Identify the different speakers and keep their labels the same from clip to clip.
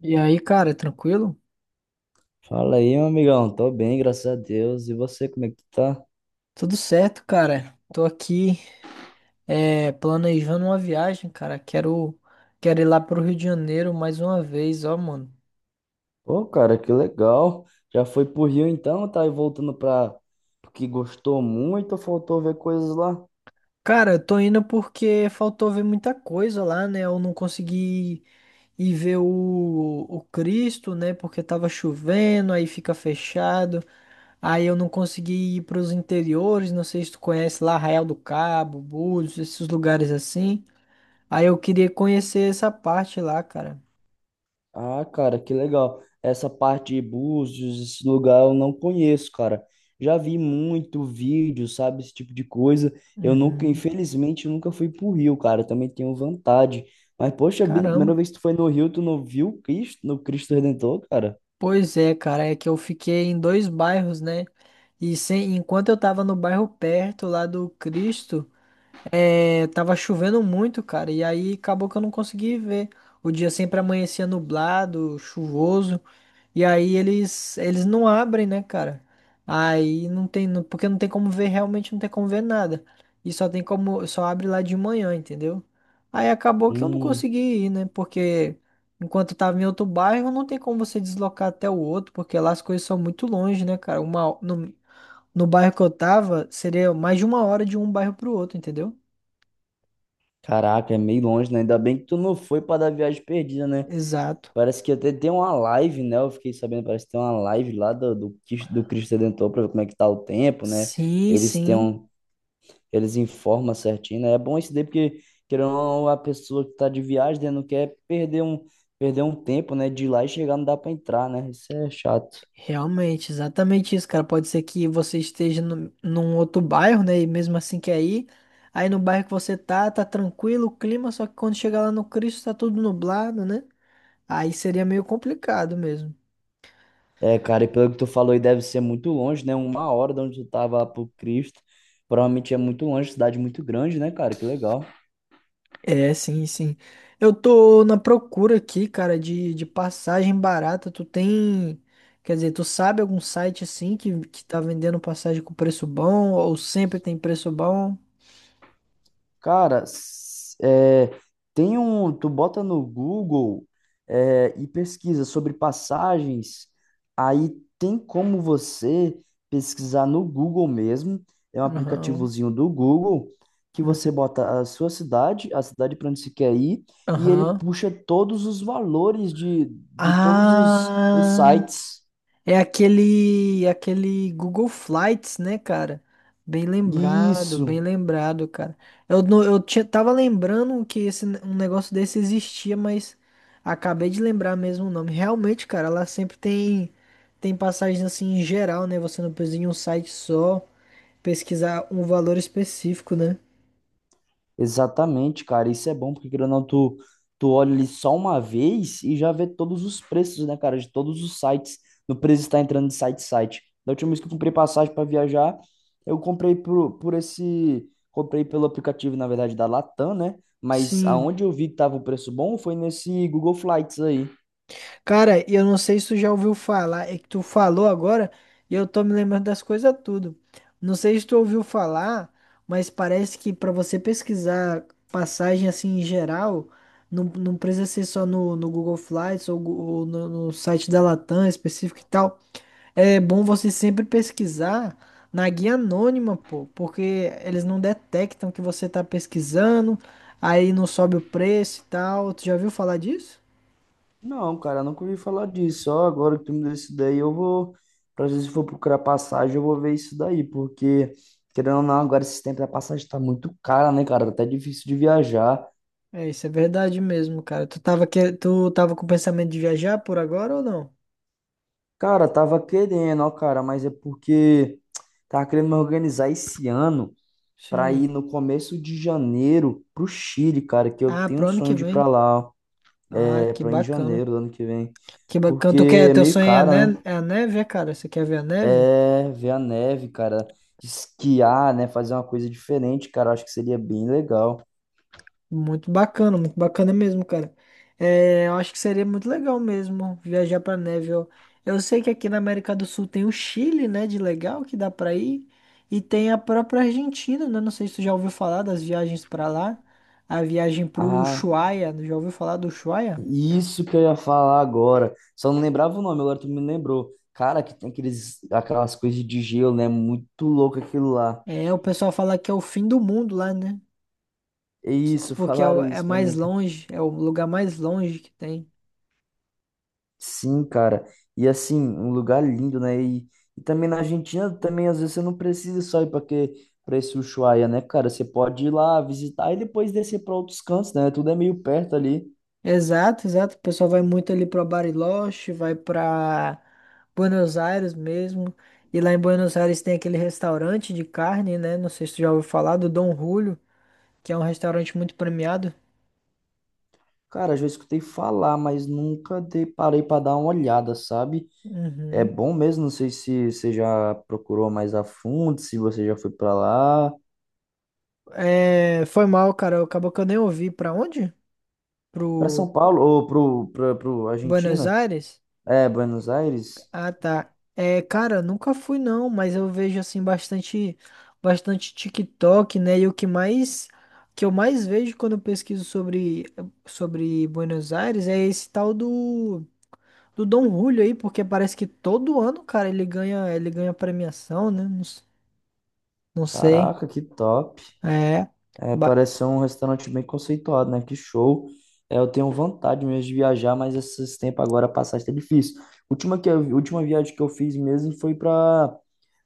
Speaker 1: E aí, cara, tranquilo?
Speaker 2: Fala aí, meu amigão. Tô bem, graças a Deus. E você, como é que tu tá?
Speaker 1: Tudo certo, cara. Tô aqui planejando uma viagem, cara. Quero ir lá pro Rio de Janeiro mais uma vez, ó, mano.
Speaker 2: Pô, cara, que legal. Já foi pro Rio então, tá aí voltando pra... Porque gostou muito, ou faltou ver coisas lá?
Speaker 1: Cara, eu tô indo porque faltou ver muita coisa lá, né? Eu não consegui ir ver o Cristo, né? Porque tava chovendo, aí fica fechado. Aí eu não consegui ir pros interiores, não sei se tu conhece lá, Arraial do Cabo, Búzios, esses lugares assim. Aí eu queria conhecer essa parte lá, cara.
Speaker 2: Ah, cara, que legal. Essa parte de Búzios, esse lugar eu não conheço, cara. Já vi muito vídeo, sabe, esse tipo de coisa. Eu nunca,
Speaker 1: Uhum.
Speaker 2: infelizmente, eu nunca fui pro Rio, cara. Eu também tenho vontade. Mas, poxa vida, a primeira
Speaker 1: Caramba.
Speaker 2: vez que tu foi no Rio, tu não viu o Cristo, no Cristo Redentor, cara?
Speaker 1: Pois é, cara, é que eu fiquei em dois bairros, né? E sem, enquanto eu tava no bairro perto lá do Cristo. É, tava chovendo muito, cara, e aí acabou que eu não consegui ver. O dia sempre amanhecia nublado, chuvoso, e aí eles não abrem, né, cara? Aí não tem, não- porque não tem como ver, realmente não tem como ver nada. E só tem como, só abre lá de manhã, entendeu? Aí acabou que eu não
Speaker 2: Hum.
Speaker 1: consegui ir, né? Porque enquanto eu tava em outro bairro, não tem como você deslocar até o outro, porque lá as coisas são muito longe, né, cara? Uma, no, no bairro que eu tava, seria mais de uma hora de um bairro pro outro, entendeu?
Speaker 2: Caraca, é meio longe, né? Ainda bem que tu não foi para dar viagem perdida, né?
Speaker 1: Exato.
Speaker 2: Parece que até tem uma live, né? Eu fiquei sabendo, parece que tem uma live lá do Cristo Redentor para ver como é que tá o tempo, né?
Speaker 1: Sim,
Speaker 2: Eles têm
Speaker 1: sim,
Speaker 2: um, eles informam certinho, né? É bom isso daí porque, querendo ou não, a pessoa que tá de viagem, né, não quer perder um tempo, né? De ir lá e chegar não dá para entrar, né? Isso é chato.
Speaker 1: realmente, exatamente isso, cara. Pode ser que você esteja no, num outro bairro, né? E mesmo assim que aí no bairro que você tá, tá tranquilo o clima, só que quando chega lá no Cristo tá tudo nublado, né? Aí seria meio complicado mesmo.
Speaker 2: É, cara, e pelo que tu falou, aí deve ser muito longe, né? Uma hora de onde tu tava lá pro Cristo. Provavelmente é muito longe, cidade muito grande, né, cara? Que legal.
Speaker 1: É, sim, sim. Eu tô na procura aqui, cara, de passagem barata. Tu tem, quer dizer, tu sabe algum site assim que tá vendendo passagem com preço bom ou sempre tem preço bom?
Speaker 2: Cara, é, tem um. Tu bota no Google, é, e pesquisa sobre passagens, aí tem como você pesquisar no Google mesmo. É um
Speaker 1: Aham.
Speaker 2: aplicativozinho do Google que você bota a sua cidade, a cidade para onde você quer ir, e ele
Speaker 1: Aham.
Speaker 2: puxa todos os valores de os
Speaker 1: Ah,
Speaker 2: sites.
Speaker 1: é aquele Google Flights, né, cara? Bem
Speaker 2: Isso.
Speaker 1: lembrado, cara. Eu, não- eu tinha, tava lembrando que esse, um negócio desse existia, mas acabei de lembrar mesmo o nome. Realmente, cara, ela sempre tem passagens assim em geral, né? Você não precisa ir em um site só pesquisar um valor específico, né?
Speaker 2: Exatamente, cara. Isso é bom, porque, querendo ou não, tu olha ali só uma vez e já vê todos os preços, né, cara, de todos os sites. No preço está entrando de site em site. Da última vez que eu comprei passagem para viajar, eu comprei por esse. Comprei pelo aplicativo, na verdade, da Latam, né? Mas
Speaker 1: Sim.
Speaker 2: aonde eu vi que tava o preço bom foi nesse Google Flights aí.
Speaker 1: Cara, e eu não sei se tu já ouviu falar, é que tu falou agora e eu tô me lembrando das coisas tudo. Não sei se tu ouviu falar, mas parece que pra você pesquisar passagem assim em geral, não, não precisa ser só no Google Flights ou, no site da Latam específico e tal. É bom você sempre pesquisar na guia anônima, pô, porque eles não detectam que você tá pesquisando, aí não sobe o preço e tal. Tu já ouviu falar disso?
Speaker 2: Não, cara, nunca ouvi falar disso. Só agora que tu me deu isso daí, eu vou. Pra vezes se for procurar passagem, eu vou ver isso daí, porque, querendo ou não, agora esse tempo da passagem tá muito cara, né, cara? Tá até difícil de viajar.
Speaker 1: É, isso é verdade mesmo, cara. Tu tava com pensamento de viajar por agora ou não?
Speaker 2: Cara, tava querendo, ó, cara, mas é porque tava querendo me organizar esse ano pra
Speaker 1: Sim.
Speaker 2: ir no começo de janeiro pro Chile, cara, que eu
Speaker 1: Ah,
Speaker 2: tenho um
Speaker 1: pro ano
Speaker 2: sonho
Speaker 1: que
Speaker 2: de ir pra
Speaker 1: vem.
Speaker 2: lá, ó,
Speaker 1: Ah,
Speaker 2: é,
Speaker 1: que
Speaker 2: pra em
Speaker 1: bacana.
Speaker 2: janeiro do ano que vem,
Speaker 1: Que bacana.
Speaker 2: porque
Speaker 1: Tu quer,
Speaker 2: é
Speaker 1: teu
Speaker 2: meio
Speaker 1: sonho
Speaker 2: caro, né?
Speaker 1: é a neve, é, cara? Você quer ver a neve?
Speaker 2: É, ver a neve, cara. Esquiar, né? Fazer uma coisa diferente, cara. Eu Acho que seria bem legal.
Speaker 1: Muito bacana mesmo, cara. É, eu acho que seria muito legal mesmo viajar pra neve. Eu sei que aqui na América do Sul tem o Chile, né, de legal que dá pra ir, e tem a própria Argentina, né? Não sei se tu já ouviu falar das viagens pra lá. A viagem pro
Speaker 2: Ah,
Speaker 1: Ushuaia, já ouviu falar do Ushuaia?
Speaker 2: isso que eu ia falar agora. Só não lembrava o nome, agora tu me lembrou. Cara, que tem aquelas coisas de gelo, né? Muito louco aquilo lá.
Speaker 1: É, o pessoal fala que é o fim do mundo lá, né?
Speaker 2: É isso,
Speaker 1: Porque é,
Speaker 2: falaram
Speaker 1: é
Speaker 2: isso pra
Speaker 1: mais
Speaker 2: mim, cara.
Speaker 1: longe, é o lugar mais longe que tem.
Speaker 2: Sim, cara. E assim, um lugar lindo, né? E também na Argentina, também às vezes você não precisa só pra esse Ushuaia, né, cara? Você pode ir lá visitar e depois descer pra outros cantos, né? Tudo é meio perto ali.
Speaker 1: Exato, exato. O pessoal vai muito ali para Bariloche, vai para Buenos Aires mesmo. E lá em Buenos Aires tem aquele restaurante de carne, né? Não sei se tu já ouviu falar, do Dom Julio, que é um restaurante muito premiado.
Speaker 2: Cara, já escutei falar, mas nunca dei, parei para dar uma olhada, sabe? É
Speaker 1: Uhum.
Speaker 2: bom mesmo, não sei se você já procurou mais a fundo, se você já foi para lá,
Speaker 1: É, foi mal, cara. Acabou que eu nem ouvi. Pra onde?
Speaker 2: para
Speaker 1: Pro
Speaker 2: São Paulo ou pro
Speaker 1: Buenos
Speaker 2: Argentina,
Speaker 1: Aires?
Speaker 2: é, Buenos Aires.
Speaker 1: Ah, tá. É, cara, eu nunca fui não, mas eu vejo assim bastante, bastante TikTok, né? E o que mais, que eu mais vejo quando eu pesquiso sobre Buenos Aires é esse tal do Dom Julio aí, porque parece que todo ano, cara, ele ganha premiação, né? Não, não sei.
Speaker 2: Caraca, que top.
Speaker 1: É.
Speaker 2: É,
Speaker 1: Ba-
Speaker 2: parece ser um restaurante bem conceituado, né? Que show. É, eu tenho vontade mesmo de viajar, mas esses tempos agora a passagem tá difícil. Última viagem que eu fiz mesmo foi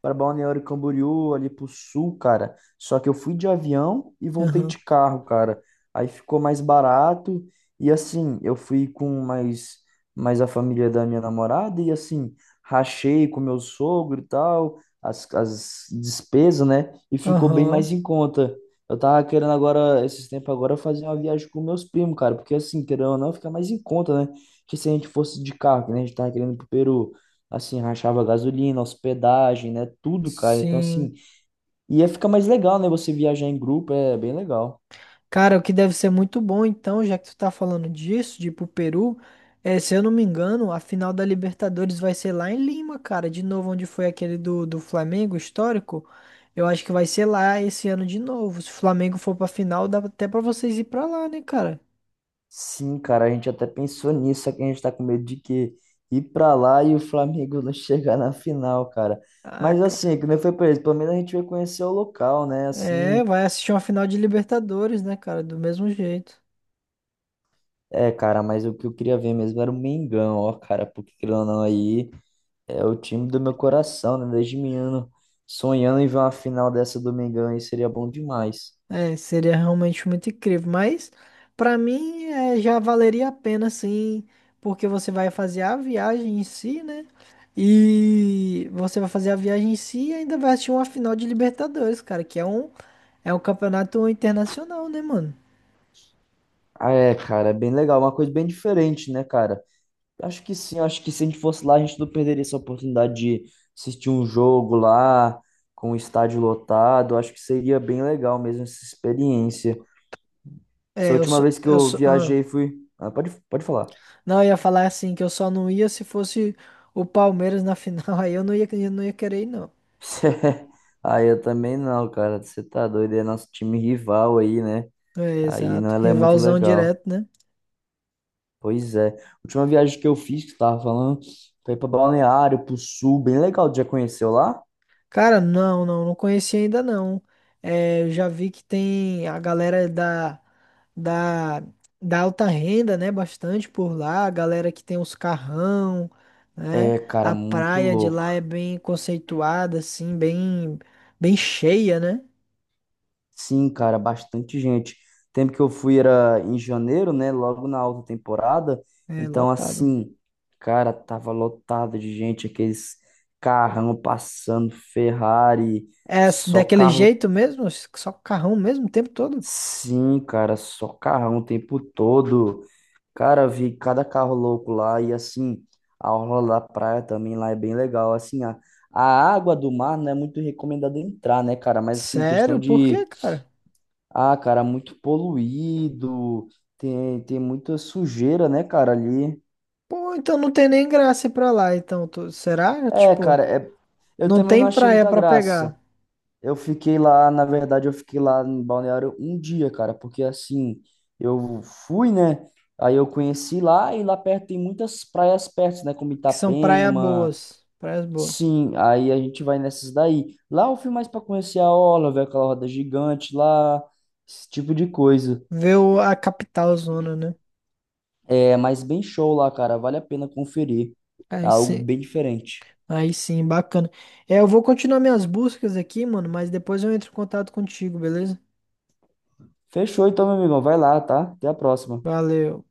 Speaker 2: para Balneário Camboriú, ali pro sul, cara. Só que eu fui de avião e voltei
Speaker 1: Aham.
Speaker 2: de carro, cara. Aí ficou mais barato e assim, eu fui com mais a família da minha namorada e assim, rachei com meu sogro e tal, as despesas, né? E ficou bem mais
Speaker 1: Aham.
Speaker 2: em conta. Eu tava querendo agora, esses tempos agora, fazer uma viagem com meus primos, cara, porque assim, querendo ou não, fica mais em conta, né? Que se a gente fosse de carro, que nem a gente tava querendo ir pro Peru, assim, rachava gasolina, hospedagem, né? Tudo, cara. Então,
Speaker 1: Sim.
Speaker 2: assim, ia ficar mais legal, né? Você viajar em grupo é bem legal.
Speaker 1: Cara, o que deve ser muito bom, então, já que tu tá falando disso, de ir pro Peru, é, se eu não me engano, a final da Libertadores vai ser lá em Lima, cara, de novo, onde foi aquele do Flamengo histórico. Eu acho que vai ser lá esse ano de novo. Se o Flamengo for pra final, dá até pra vocês ir pra lá, né, cara?
Speaker 2: Sim, cara, a gente até pensou nisso, só que a gente tá com medo de que ir pra lá e o Flamengo não chegar na final, cara.
Speaker 1: Ah,
Speaker 2: Mas
Speaker 1: cara.
Speaker 2: assim, é que nem foi pra eles, pelo menos a gente vai conhecer o local, né?
Speaker 1: É,
Speaker 2: Assim,
Speaker 1: vai assistir uma final de Libertadores, né, cara? Do mesmo jeito.
Speaker 2: é, cara, mas o que eu queria ver mesmo era o Mengão, ó, cara, porque, querendo ou não aí, é o time do meu coração, né? Desde menino, sonhando em ver uma final dessa do Mengão aí, seria bom demais.
Speaker 1: É, seria realmente muito incrível, mas pra mim é, já valeria a pena sim, porque você vai fazer a viagem em si, né? E você vai fazer a viagem em si e ainda vai assistir uma final de Libertadores, cara, que é um campeonato internacional, né, mano?
Speaker 2: Ah, é, cara, é bem legal, é uma coisa bem diferente, né, cara? Acho que sim, acho que se a gente fosse lá, a gente não perderia essa oportunidade de assistir um jogo lá, com o estádio lotado. Acho que seria bem legal mesmo essa experiência. Essa
Speaker 1: É,
Speaker 2: última vez que
Speaker 1: eu
Speaker 2: eu
Speaker 1: só, ah.
Speaker 2: viajei fui. Ah, pode falar.
Speaker 1: Não, eu ia falar assim que eu só não ia se fosse o Palmeiras na final, aí eu não ia querer ir, não.
Speaker 2: Ah, eu também não, cara. Você tá doido, é nosso time rival aí, né?
Speaker 1: É,
Speaker 2: Aí não,
Speaker 1: exato,
Speaker 2: ela é muito
Speaker 1: rivalzão
Speaker 2: legal.
Speaker 1: direto, né?
Speaker 2: Pois é. Última viagem que eu fiz, que eu tava falando, foi pra Balneário, pro Sul, bem legal. Já conheceu lá?
Speaker 1: Cara, não, não, não conheci ainda não. É, eu já vi que tem a galera da, da alta renda, né? Bastante por lá, a galera que tem os carrão, né?
Speaker 2: É, cara,
Speaker 1: A
Speaker 2: muito
Speaker 1: praia de lá
Speaker 2: louco.
Speaker 1: é bem conceituada, assim, bem, bem cheia, né?
Speaker 2: Sim, cara, bastante gente. O tempo que eu fui era em janeiro, né? Logo na alta temporada.
Speaker 1: É
Speaker 2: Então,
Speaker 1: lotada.
Speaker 2: assim, cara, tava lotado de gente, aqueles carrão passando, Ferrari,
Speaker 1: É
Speaker 2: só
Speaker 1: daquele
Speaker 2: carro.
Speaker 1: jeito mesmo? Só carrão mesmo o tempo todo?
Speaker 2: Sim, cara, só carrão o tempo todo. Cara, eu vi cada carro louco lá e assim, a orla da praia também lá é bem legal. Assim, a água do mar não é muito recomendada entrar, né, cara? Mas assim, questão
Speaker 1: Sério? Por quê,
Speaker 2: de...
Speaker 1: cara?
Speaker 2: Ah, cara, muito poluído, tem muita sujeira, né, cara, ali.
Speaker 1: Pô, então não tem nem graça ir pra lá, então. Será?
Speaker 2: É,
Speaker 1: Tipo,
Speaker 2: cara, é, eu
Speaker 1: não
Speaker 2: também
Speaker 1: tem
Speaker 2: não achei
Speaker 1: praia
Speaker 2: muita
Speaker 1: pra
Speaker 2: graça.
Speaker 1: pegar.
Speaker 2: Eu fiquei lá, na verdade, eu fiquei lá em Balneário um dia, cara, porque assim, eu fui, né, aí eu conheci lá e lá perto tem muitas praias perto, né, como
Speaker 1: Que são praia
Speaker 2: Itapema,
Speaker 1: boas, praias boas.
Speaker 2: sim, aí a gente vai nessas daí. Lá eu fui mais pra conhecer a orla, ver aquela roda gigante lá, esse tipo de coisa.
Speaker 1: Ver a capital zona, né?
Speaker 2: É, mas bem show lá, cara. Vale a pena conferir. É
Speaker 1: Aí
Speaker 2: algo
Speaker 1: sim,
Speaker 2: bem diferente.
Speaker 1: aí sim, bacana. É, eu vou continuar minhas buscas aqui, mano, mas depois eu entro em contato contigo, beleza?
Speaker 2: Fechou então, meu amigão. Vai lá, tá? Até a próxima.
Speaker 1: Valeu.